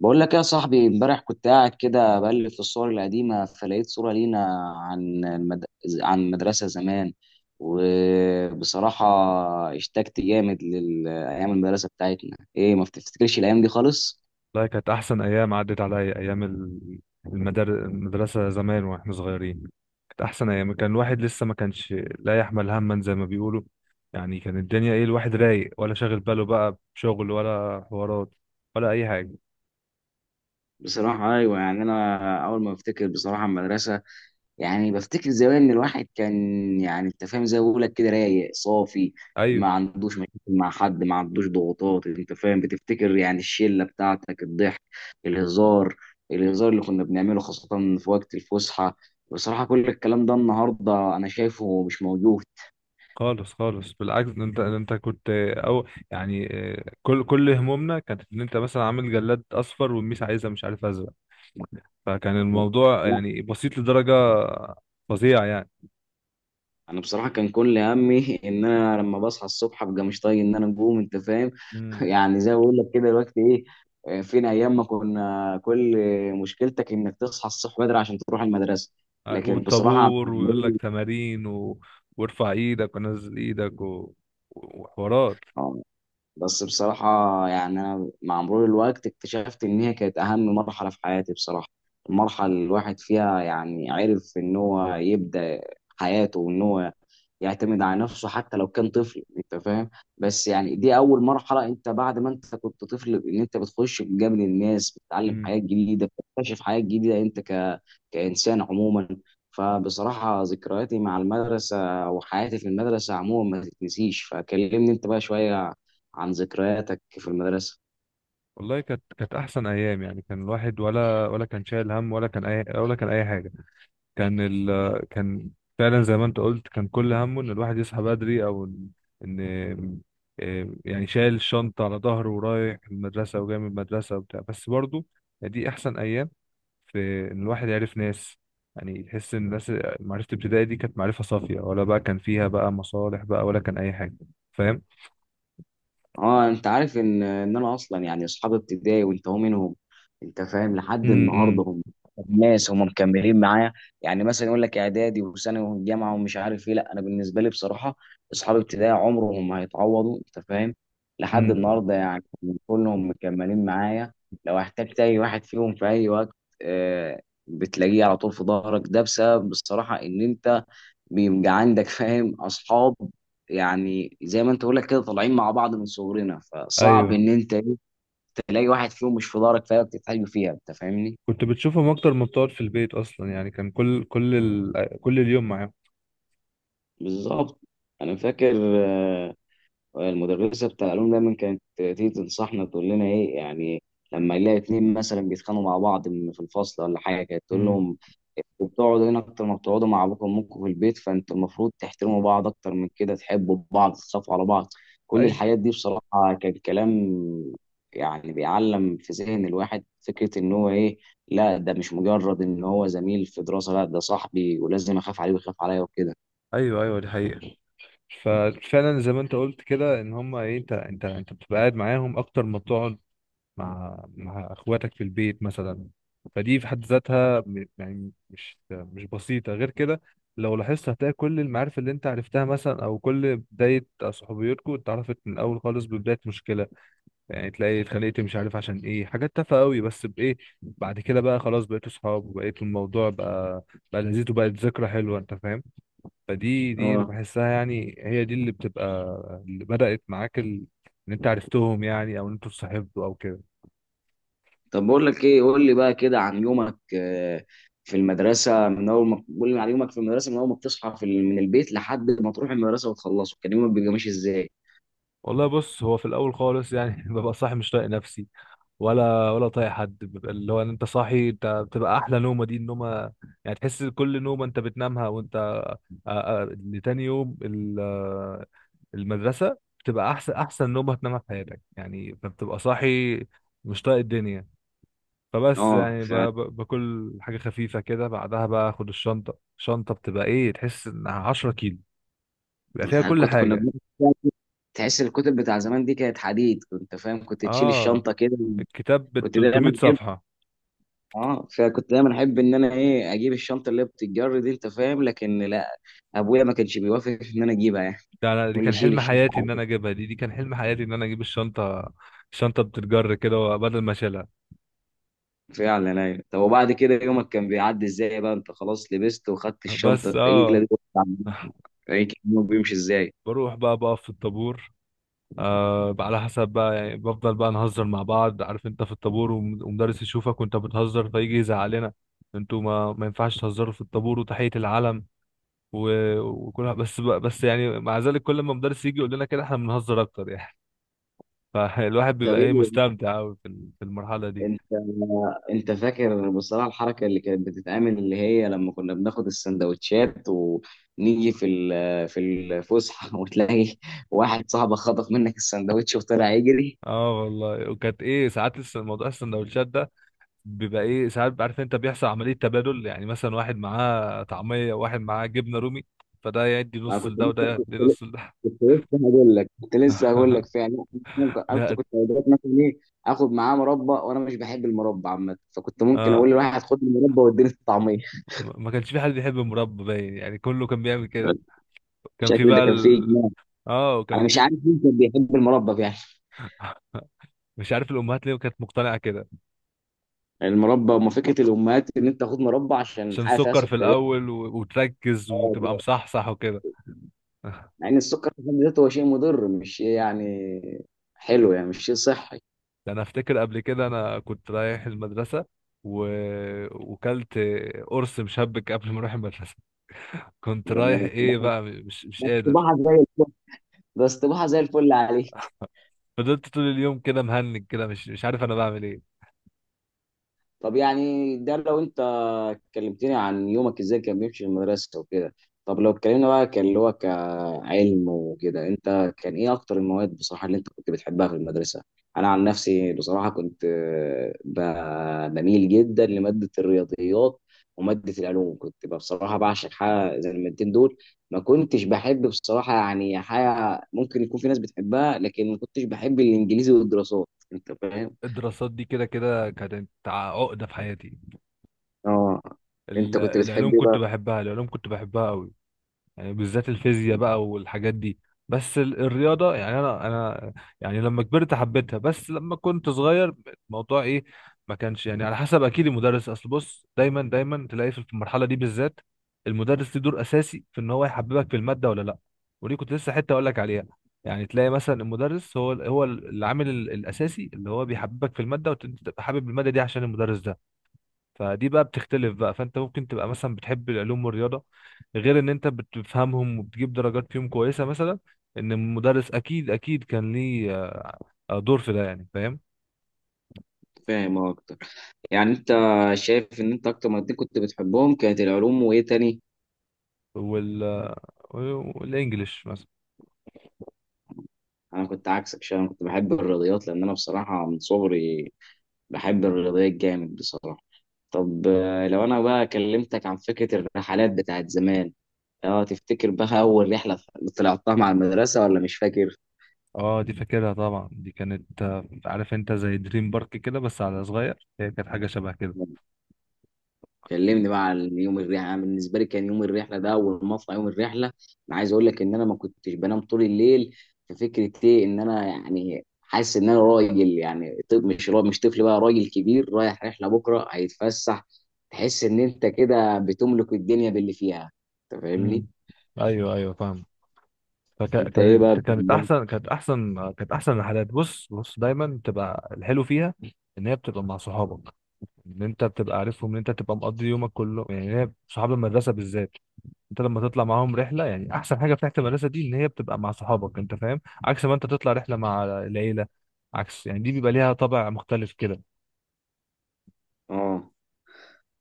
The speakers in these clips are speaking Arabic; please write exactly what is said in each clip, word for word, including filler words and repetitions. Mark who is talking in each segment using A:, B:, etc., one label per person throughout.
A: بقول لك يا صاحبي، امبارح كنت قاعد كده بقلب في الصور القديمة فلقيت صورة لينا عن المد... عن المدرسة زمان. وبصراحة اشتقت جامد لأيام المدرسة بتاعتنا، ايه ما بتفتكرش الأيام دي خالص؟
B: لا، كانت أحسن أيام عدت عليا. أيام ال- المدار... المدرسة زمان وإحنا صغيرين. كانت أحسن أيام، كان الواحد لسه ما كانش لا يحمل هما زي ما بيقولوا. يعني كان الدنيا إيه، الواحد رايق، ولا شاغل باله بقى بشغل ولا حوارات ولا أي حاجة.
A: بصراحة أيوة. يعني أنا أول ما بفتكر بصراحة المدرسة، يعني بفتكر زمان ان الواحد كان، يعني انت فاهم زي ما بقول لك كده، رايق صافي. ما
B: أيوه.
A: عندوش مشاكل مع حد، ما عندوش ضغوطات، انت فاهم، بتفتكر يعني الشله بتاعتك، الضحك، الهزار الهزار اللي كنا بنعمله خاصه في وقت الفسحه. بصراحه كل الكلام ده النهارده انا شايفه مش موجود.
B: خالص خالص، بالعكس. أنت أنت كنت أو يعني، آه، كل كل همومنا كانت إن أنت مثلا عامل جلاد أصفر والميس عايزة مش عارف أزرق. فكان الموضوع يعني بسيط لدرجة فظيعة.
A: انا بصراحه كان كل همي ان انا لما بصحى الصبح ابقى مش طايق ان انا اقوم، انت فاهم.
B: يعني
A: يعني زي ما بقول لك كده دلوقتي ايه، آه، فين ايام ما كنا كل مشكلتك انك تصحى الصبح بدري عشان تروح المدرسه؟ لكن بصراحه،
B: والطابور ويقول لك تمارين و... وارفع ايدك ونزل ايدك و... وحوارات.
A: بس بصراحة، يعني أنا مع مرور الوقت اكتشفت إن هي كانت أهم مرحلة في حياتي بصراحة. المرحلة اللي الواحد فيها يعني عرف إن هو يبدأ حياته، وإن هو يعتمد على نفسه حتى لو كان طفل، أنت فاهم. بس يعني دي أول مرحلة، أنت بعد ما أنت كنت طفل، إن أنت بتخش بجانب الناس، بتتعلم
B: امم.
A: حاجات جديدة، بتكتشف حاجات جديدة أنت ك... كإنسان عموما. فبصراحة ذكرياتي مع المدرسة وحياتي في المدرسة عموما ما تتنسيش. فكلمني أنت بقى شوية عن ذكرياتك في المدرسة.
B: والله كانت كانت احسن ايام، يعني كان الواحد ولا ولا كان شايل هم، ولا كان اي ولا كان اي حاجه. كان ال... كان فعلا زي ما انت قلت، كان كل همه ان الواحد يصحى بدري، او ان إن- إيه، يعني شايل الشنطه على ظهره ورايح المدرسه وجاي من المدرسه وبتاع. بس برضه دي احسن ايام في ان الواحد عرف ناس. يعني تحس ان الناس، معرفة الابتدائي دي كانت معرفة صافية، ولا بقى كان فيها بقى مصالح بقى ولا كان اي حاجة، فاهم.
A: اه، انت عارف ان ان انا اصلا، يعني اصحاب ابتدائي وانت هو منهم، انت فاهم، لحد
B: امم.
A: النهارده هم ناس هم مكملين معايا. يعني مثلا يقول لك اعدادي وثانوي وجامعه ومش عارف ايه، لا انا بالنسبه لي بصراحه اصحاب ابتدائي عمرهم ما هيتعوضوا، انت فاهم. لحد
B: امم.
A: النهارده يعني كلهم مكملين معايا. لو احتجت اي واحد فيهم في اي وقت، آه بتلاقيه على طول في ظهرك. ده بسبب بصراحه ان انت بيبقى عندك، فاهم، اصحاب. يعني زي ما انت بقول لك كده، طالعين مع بعض من صغرنا، فصعب
B: ايوه،
A: ان انت إيه، تلاقي واحد فيهم مش في دارك، فعلا بتتحاجب فيها، انت فاهمني.
B: كنت بتشوفهم اكتر ما بتقعد في البيت اصلا. يعني كان كل كل ال... كل اليوم معاهم.
A: بالظبط. انا فاكر، آه، المدرسه بتاع العلوم دايما كانت تيجي تنصحنا، تقول لنا ايه يعني، لما نلاقي اتنين مثلا بيتخانقوا مع بعض من- في الفصل ولا حاجه، كانت تقول
B: امم.
A: لهم: وبتقعدوا هنا اكتر ما بتقعدوا مع ابوكم وامكم في البيت، فانتوا المفروض تحترموا بعض اكتر من كده، تحبوا بعض، تخافوا على بعض. كل الحاجات
B: ايوه.
A: دي بصراحة كان كلام يعني بيعلم في ذهن الواحد فكرة ان هو ايه، لا ده مش مجرد ان هو زميل في دراسة، لا ده صاحبي ولازم اخاف عليه ويخاف عليا وكده.
B: ايوه ايوه دي حقيقة. ففعلا زي ما انت قلت كده، ان هم ايه، انت انت انت بتبقى قاعد معاهم اكتر ما بتقعد مع مع اخواتك في البيت مثلا. فدي في حد ذاتها م- يعني مش مش بسيطة غير كده. لو لاحظت هتلاقي كل المعارف اللي انت عرفتها مثلا، او كل بداية صحوبيتكم، اتعرفت من الاول خالص ببداية مشكلة. يعني تلاقي اتخانقت مش عارف عشان ايه، حاجات تافهة قوي، بس بايه بعد كده بقى خلاص بقيتوا صحاب، وبقيت الموضوع بقى بقى لذيذ وبقت ذكرى حلوة، انت فاهم. فدي دي اللي
A: اه،
B: بحسها، يعني هي دي اللي بتبقى اللي بدأت معاك ال... ان انت عرفتهم، يعني او ان انتوا اتصاحبتوا او كده.
A: طب بقول لك ايه، قول لي بقى كده عن يومك، آه، في المدرسة من اول ما، قول لي عن يومك في المدرسة من اول ما بتصحى في ال- من البيت لحد ما تروح المدرسة وتخلصه، كان يومك بيبقى ماشي ازاي؟
B: والله بص، هو في الاول خالص يعني ببقى صاحي مش طايق نفسي، ولا ولا طايق حد. ببقى اللي هو إن انت صاحي، انت بتبقى احلى نومه دي النومه. يعني تحس كل نومه انت بتنامها وانت آه، آه، لتاني يوم ال- آه، المدرسه، بتبقى احسن احسن نومه هتنامها في حياتك. يعني فبتبقى صاحي مش طايق الدنيا. فبس
A: اه.
B: يعني ب- ب- باكل حاجه خفيفه كده، بعدها بقى اخد الشنطه. الشنطه بتبقى ايه، تحس انها عشرة كيلو، بيبقى فيها كل
A: كنت كنا
B: حاجه.
A: بناخد- تحس الكتب بتاع زمان دي كانت حديد، كنت فاهم، كنت تشيل
B: اه،
A: الشنطه كده.
B: الكتاب ب
A: كنت
B: تلت ميت
A: دايما احب.
B: صفحه.
A: اه فكنت دايما احب ان انا ايه اجيب الشنطه اللي بتتجر دي، انت فاهم، لكن لا، ابويا ما كانش بيوافق ان انا اجيبها يعني،
B: ده انا دي
A: يقول لي
B: كان
A: شيل
B: حلم حياتي ان
A: الشنطه.
B: انا اجيبها، دي دي كان حلم حياتي ان انا اجيب الشنطه الشنطه بتتجر كده بدل ما اشيلها.
A: فعلا ايوه. طب وبعد كده يومك كان بيعدي ازاي بقى، انت خلاص لبست وخدت الشنطه
B: بس
A: التقيله
B: اه
A: دي وقعدت على الجنب. يعني كان يومك بيمشي ازاي؟
B: بروح بقى بقف في الطابور. آه بقى على حسب بقى، يعني بفضل بقى نهزر مع بعض، عارف انت في الطابور، وم- ومدرس يشوفك وانت بتهزر فيجي يزعلنا: انتوا ما ما ينفعش تهزروا في الطابور وتحية العلم و... وكلها. بس بقى، بس يعني مع ذلك كل ما مدرس يجي يقول لنا كده احنا بنهزر اكتر يعني فالواحد
A: طب
B: بيبقى ايه،
A: ايه،
B: مستمتع قوي في ال- في المرحلة دي.
A: انت انت فاكر بصراحه الحركه اللي كانت بتتعمل، اللي هي لما كنا بناخد السندوتشات ونيجي في ال- في الفسحه، وتلاقي واحد صاحبك خطف منك السندوتش وطلع يجري؟
B: اه والله، وكانت ايه ساعات الس- موضوع السندوتشات ده بيبقى ايه ساعات، عارف انت بيحصل عملية تبادل. يعني مثلا واحد معاه طعمية وواحد معاه جبنة رومي، فده يدي
A: انا
B: نص
A: كنت
B: لده وده
A: لسه كنت
B: يدي
A: لسه
B: نص لده.
A: كنت لسه هقول لك كنت لسه هقول لك فعلا. ممكن كنت
B: لا،
A: كنت اوقات مثلا ايه اخد معاه مربى، وانا مش بحب المربى عامه، فكنت ممكن اقول
B: اه
A: لواحد خد المربى واديني الطعميه.
B: ما ما كانش في حد بيحب المربى باين، يعني كله كان بيعمل كده. كان في
A: الشكل ده
B: بقى
A: كان فيه
B: ال...
A: اجماع.
B: اه
A: انا
B: وكان
A: مش
B: في
A: عارف مين كان بيحب المربى يعني.
B: مش عارف الامهات ليه كانت مقتنعة كده.
A: يعني المربى، وما فكره الامهات ان انت تاخد مربى عشان
B: عشان
A: حاجه فيها
B: سكر في
A: سكريات،
B: الاول و... وتركز وتبقى مصحصح وكده.
A: مع ان السكر في حد ذاته هو شيء مضر، مش شيء يعني حلو، يعني مش شيء صحي.
B: ده انا افتكر قبل كده انا كنت رايح المدرسه و... وكلت قرص مشبك قبل ما اروح المدرسه. كنت
A: ده
B: رايح
A: ده
B: ايه
A: استباحه
B: بقى، مش مش
A: ده
B: قادر،
A: استباحه زي الفل ده استباحه زي الفل عليك.
B: فضلت طول اليوم كده مهنج كده، مش مش عارف انا بعمل ايه.
A: طب يعني ده لو انت كلمتني عن يومك ازاي كان بيمشي في المدرسة وكده، طب لو اتكلمنا بقى كان اللي هو كعلم وكده، انت كان ايه اكتر المواد بصراحة اللي انت كنت بتحبها في المدرسة؟ انا عن نفسي بصراحة كنت آه، ب- بميل جدا لمادة الرياضيات. ومادة العلوم كنت بقى بصراحة بعشق حاجة زي المادتين دول. ما كنتش بحب بصراحة يعني حاجة، ممكن يكون في ناس بتحبها، لكن ما كنتش بحب الانجليزي والدراسات، انت فاهم.
B: الدراسات دي كده كده كانت عقده في حياتي.
A: اه. انت
B: ال-
A: كنت بتحب
B: العلوم
A: ايه
B: كنت
A: بقى؟
B: بحبها، العلوم كنت بحبها قوي. يعني بالذات الفيزياء بقى والحاجات دي. بس ال- الرياضة، يعني أنا أنا يعني لما كبرت حبيتها، بس لما كنت صغير الموضوع إيه ما كانش يعني على حسب. أكيد المدرس، أصل بص، دايما دايما تلاقي في المرحلة دي بالذات المدرس ليه دور أساسي في إن هو يحببك في المادة ولا لأ. ودي كنت لسه حتة أقول لك عليها. يعني تلاقي مثلا المدرس هو هو العامل ال- الأساسي اللي هو بيحببك في المادة، وأنت تبقى حابب المادة دي عشان المدرس ده. فدي بقى بتختلف بقى، فانت ممكن تبقى مثلا بتحب العلوم والرياضه، غير ان انت بتفهمهم وبتجيب درجات فيهم كويسه مثلا. ان المدرس اكيد اكيد كان ليه آه، دور في ده، يعني فاهم.
A: فاهم اكتر. يعني انت شايف ان انت اكتر مادتين كنت بتحبهم كانت العلوم وايه تاني؟
B: وال والانجليش مثلا.
A: انا كنت عكسك شويه، انا كنت بحب الرياضيات لان انا بصراحه من صغري بحب الرياضيات جامد بصراحه. طب، آه، لو انا بقى كلمتك عن فكره الرحلات بتاعت زمان، اه تفتكر بقى اول رحله طلعتها مع المدرسه ولا مش فاكر؟
B: اه دي فاكرها طبعا، دي كانت آه، عارف انت زي دريم بارك كده بس على صغير، هي كانت حاجه شبه كده.
A: كلمني بقى عن يوم الرحله. انا بالنسبه لي كان يوم الرحله ده، اول ما اطلع يوم الرحله، انا عايز اقول لك ان انا ما كنتش بنام طول الليل. في فكره ايه، ان انا يعني حاسس ان انا راجل، يعني طب مش را- مش طفل بقى، راجل كبير رايح رحله بكره هيتفسح. تحس ان انت كده بتملك الدنيا باللي فيها، انت
B: امم.
A: فاهمني.
B: ايوه ايوه فاهم.
A: انت ايه
B: فكانت
A: بقى
B: كانت
A: بالنسبة لك؟
B: احسن كانت احسن كانت احسن الحالات. بص بص دايما بتبقى الحلو فيها ان هي بتبقى مع صحابك، ان انت بتبقى عارفهم، ان انت تبقى مقضي يومك كله. يعني هي صحاب المدرسه بالذات انت لما تطلع معاهم رحله، يعني احسن حاجه في رحله المدرسه دي ان هي بتبقى مع صحابك، انت فاهم، عكس ما انت تطلع رحله مع العيله. عكس، يعني دي بيبقى ليها طابع مختلف كده.
A: اه.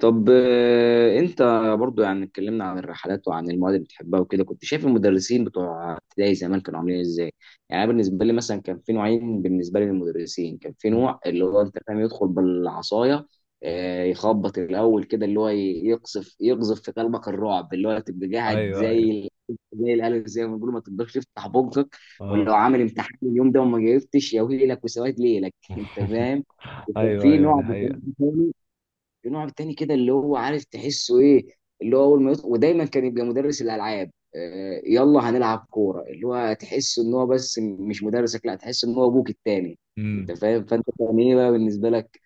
A: طب، آه، انت برضو، يعني اتكلمنا عن الرحلات وعن المواد اللي بتحبها وكده، كنت شايف المدرسين بتوع ابتدائي زمان كانوا عاملين ازاي؟ يعني أنا بالنسبه لي مثلا كان في نوعين بالنسبه لي للمدرسين. كان في
B: مم.
A: نوع اللي هو، انت فاهم، يدخل بالعصايه، آه، يخبط الاول كده، اللي هو ي- يقذف يقذف في قلبك الرعب، اللي هو تبقى قاعد
B: ايوه
A: زي
B: ايوه.
A: ال- زي الالف زي ما بيقولوا، ما تقدرش تفتح بقك.
B: اه.
A: ولو عامل امتحان اليوم ده وما جاوبتش يا ويلك وسواد ليلك. انت فاهم. وكان
B: ايوه
A: في
B: ايوه
A: نوع
B: دي حقيقه.
A: بصراحه، النوع التاني كده اللي هو، عارف، تحسه ايه، اللي هو اول ما يطلع، ودايما كان يبقى مدرس الالعاب، آه، يلا هنلعب كوره، اللي هو تحسه ان هو بس مش مدرسك، لا تحس ان هو ابوك التاني، انت
B: امم.
A: فاهم. فانت كان ايه بقى بالنسبه لك؟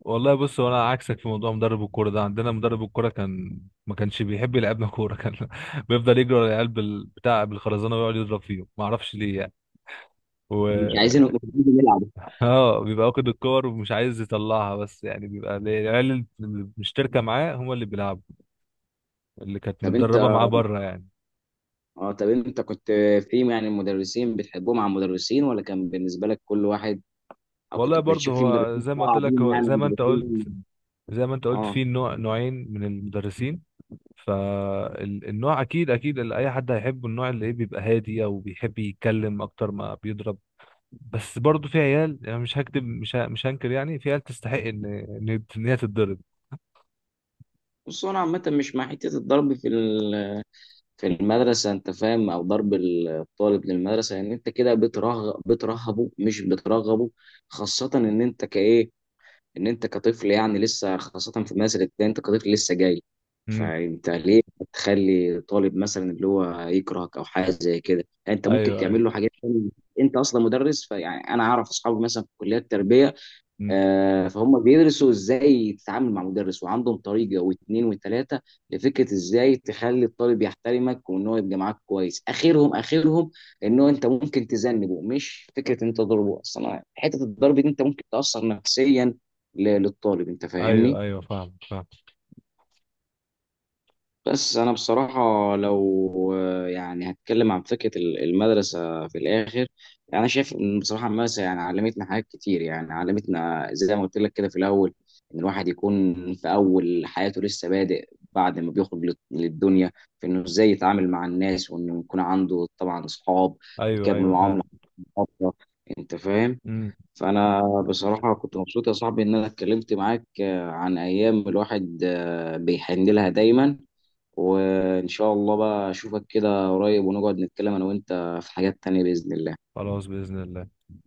B: والله بص، هو انا عكسك في موضوع مدرب الكوره ده. عندنا مدرب الكوره كان ما كانش بيحب يلعبنا كوره، كان بيفضل يجري على العيال بال- بتاع بالخرزانه ويقعد يضرب فيهم، ما اعرفش ليه يعني. و...
A: مش عايزين، مش عايزين نلعب.
B: اه، بيبقى واخد الكور ومش عايز يطلعها. بس يعني بيبقى ال- العيال اللي مشتركه معاه هم اللي بيلعبوا، اللي كانت
A: طب انت،
B: متدربه معاه بره يعني.
A: اه طب انت كنت في، يعني، المدرسين بتحبهم على المدرسين ولا كان بالنسبه لك كل واحد، او كنت
B: والله برضه
A: بتشوف في
B: هو
A: مدرسين
B: زي ما قلت لك،
A: صعبين،
B: هو
A: يعني
B: زي ما انت قلت،
A: مدرسين.
B: زي ما انت قلت
A: اه،
B: في نوع، نوعين من المدرسين. فالنوع اكيد اكيد اللي اي حد هيحبه النوع اللي ايه بيبقى هادي، او بيحب يتكلم اكتر ما بيضرب. بس برضه في عيال، يعني مش هكتب، مش ه- مش هنكر يعني، في عيال تستحق ان ان إن هي تتضرب.
A: بص هو انا عامه مش مع حته الضرب في ال في المدرسة، أنت فاهم، أو ضرب الطالب للمدرسة، ان يعني أنت كده بترغب بترهبه مش بترغبه. خاصة إن أنت كإيه إن أنت كطفل، يعني لسه، خاصة في المدرسة الابتدائية أنت كطفل لسه جاي.
B: امم.
A: فأنت ليه تخلي طالب مثلا اللي هو يكرهك أو حاجة زي كده؟ يعني أنت ممكن
B: ايوه ايوه.
A: تعمل له حاجات تانية. أنت أصلا مدرس، فيعني أنا أعرف أصحابي مثلا في كليات التربية،
B: امم.
A: آه، فهم بيدرسوا ازاي تتعامل مع مدرس، وعندهم طريقه واثنين وثلاثه لفكره ازاي تخلي الطالب يحترمك وان هو يبقى معاك كويس. اخرهم اخرهم ان هو انت ممكن تذنبه، مش فكره إن انت تضربه اصلا. حته الضرب دي انت ممكن تاثر نفسيا ل- للطالب، انت
B: ايوه
A: فاهمني.
B: ايوه فاهم فاهم.
A: بس انا بصراحه، لو آه، يعني هتكلم عن فكره ال- المدرسه في الاخر، انا شايف ان بصراحه المدرسه يعني علمتنا حاجات كتير. يعني علمتنا زي ما قلت لك كده في الاول، ان الواحد يكون في اول حياته لسه بادئ، بعد ما بيخرج لل- للدنيا، في انه ازاي يتعامل مع الناس، وانه يكون عنده طبعا اصحاب
B: ايوه
A: يكمل
B: ايوه
A: معاهم
B: فعلا.
A: لحد فتره، انت فاهم.
B: امم.
A: فانا بصراحه كنت مبسوط يا صاحبي ان انا اتكلمت معاك، آه، عن ايام الواحد آه، بيحن لها دايما. وإن شاء الله بقى أشوفك كده قريب، ونقعد نتكلم أنا وأنت في حاجات تانية بإذن الله.
B: خلاص بإذن الله.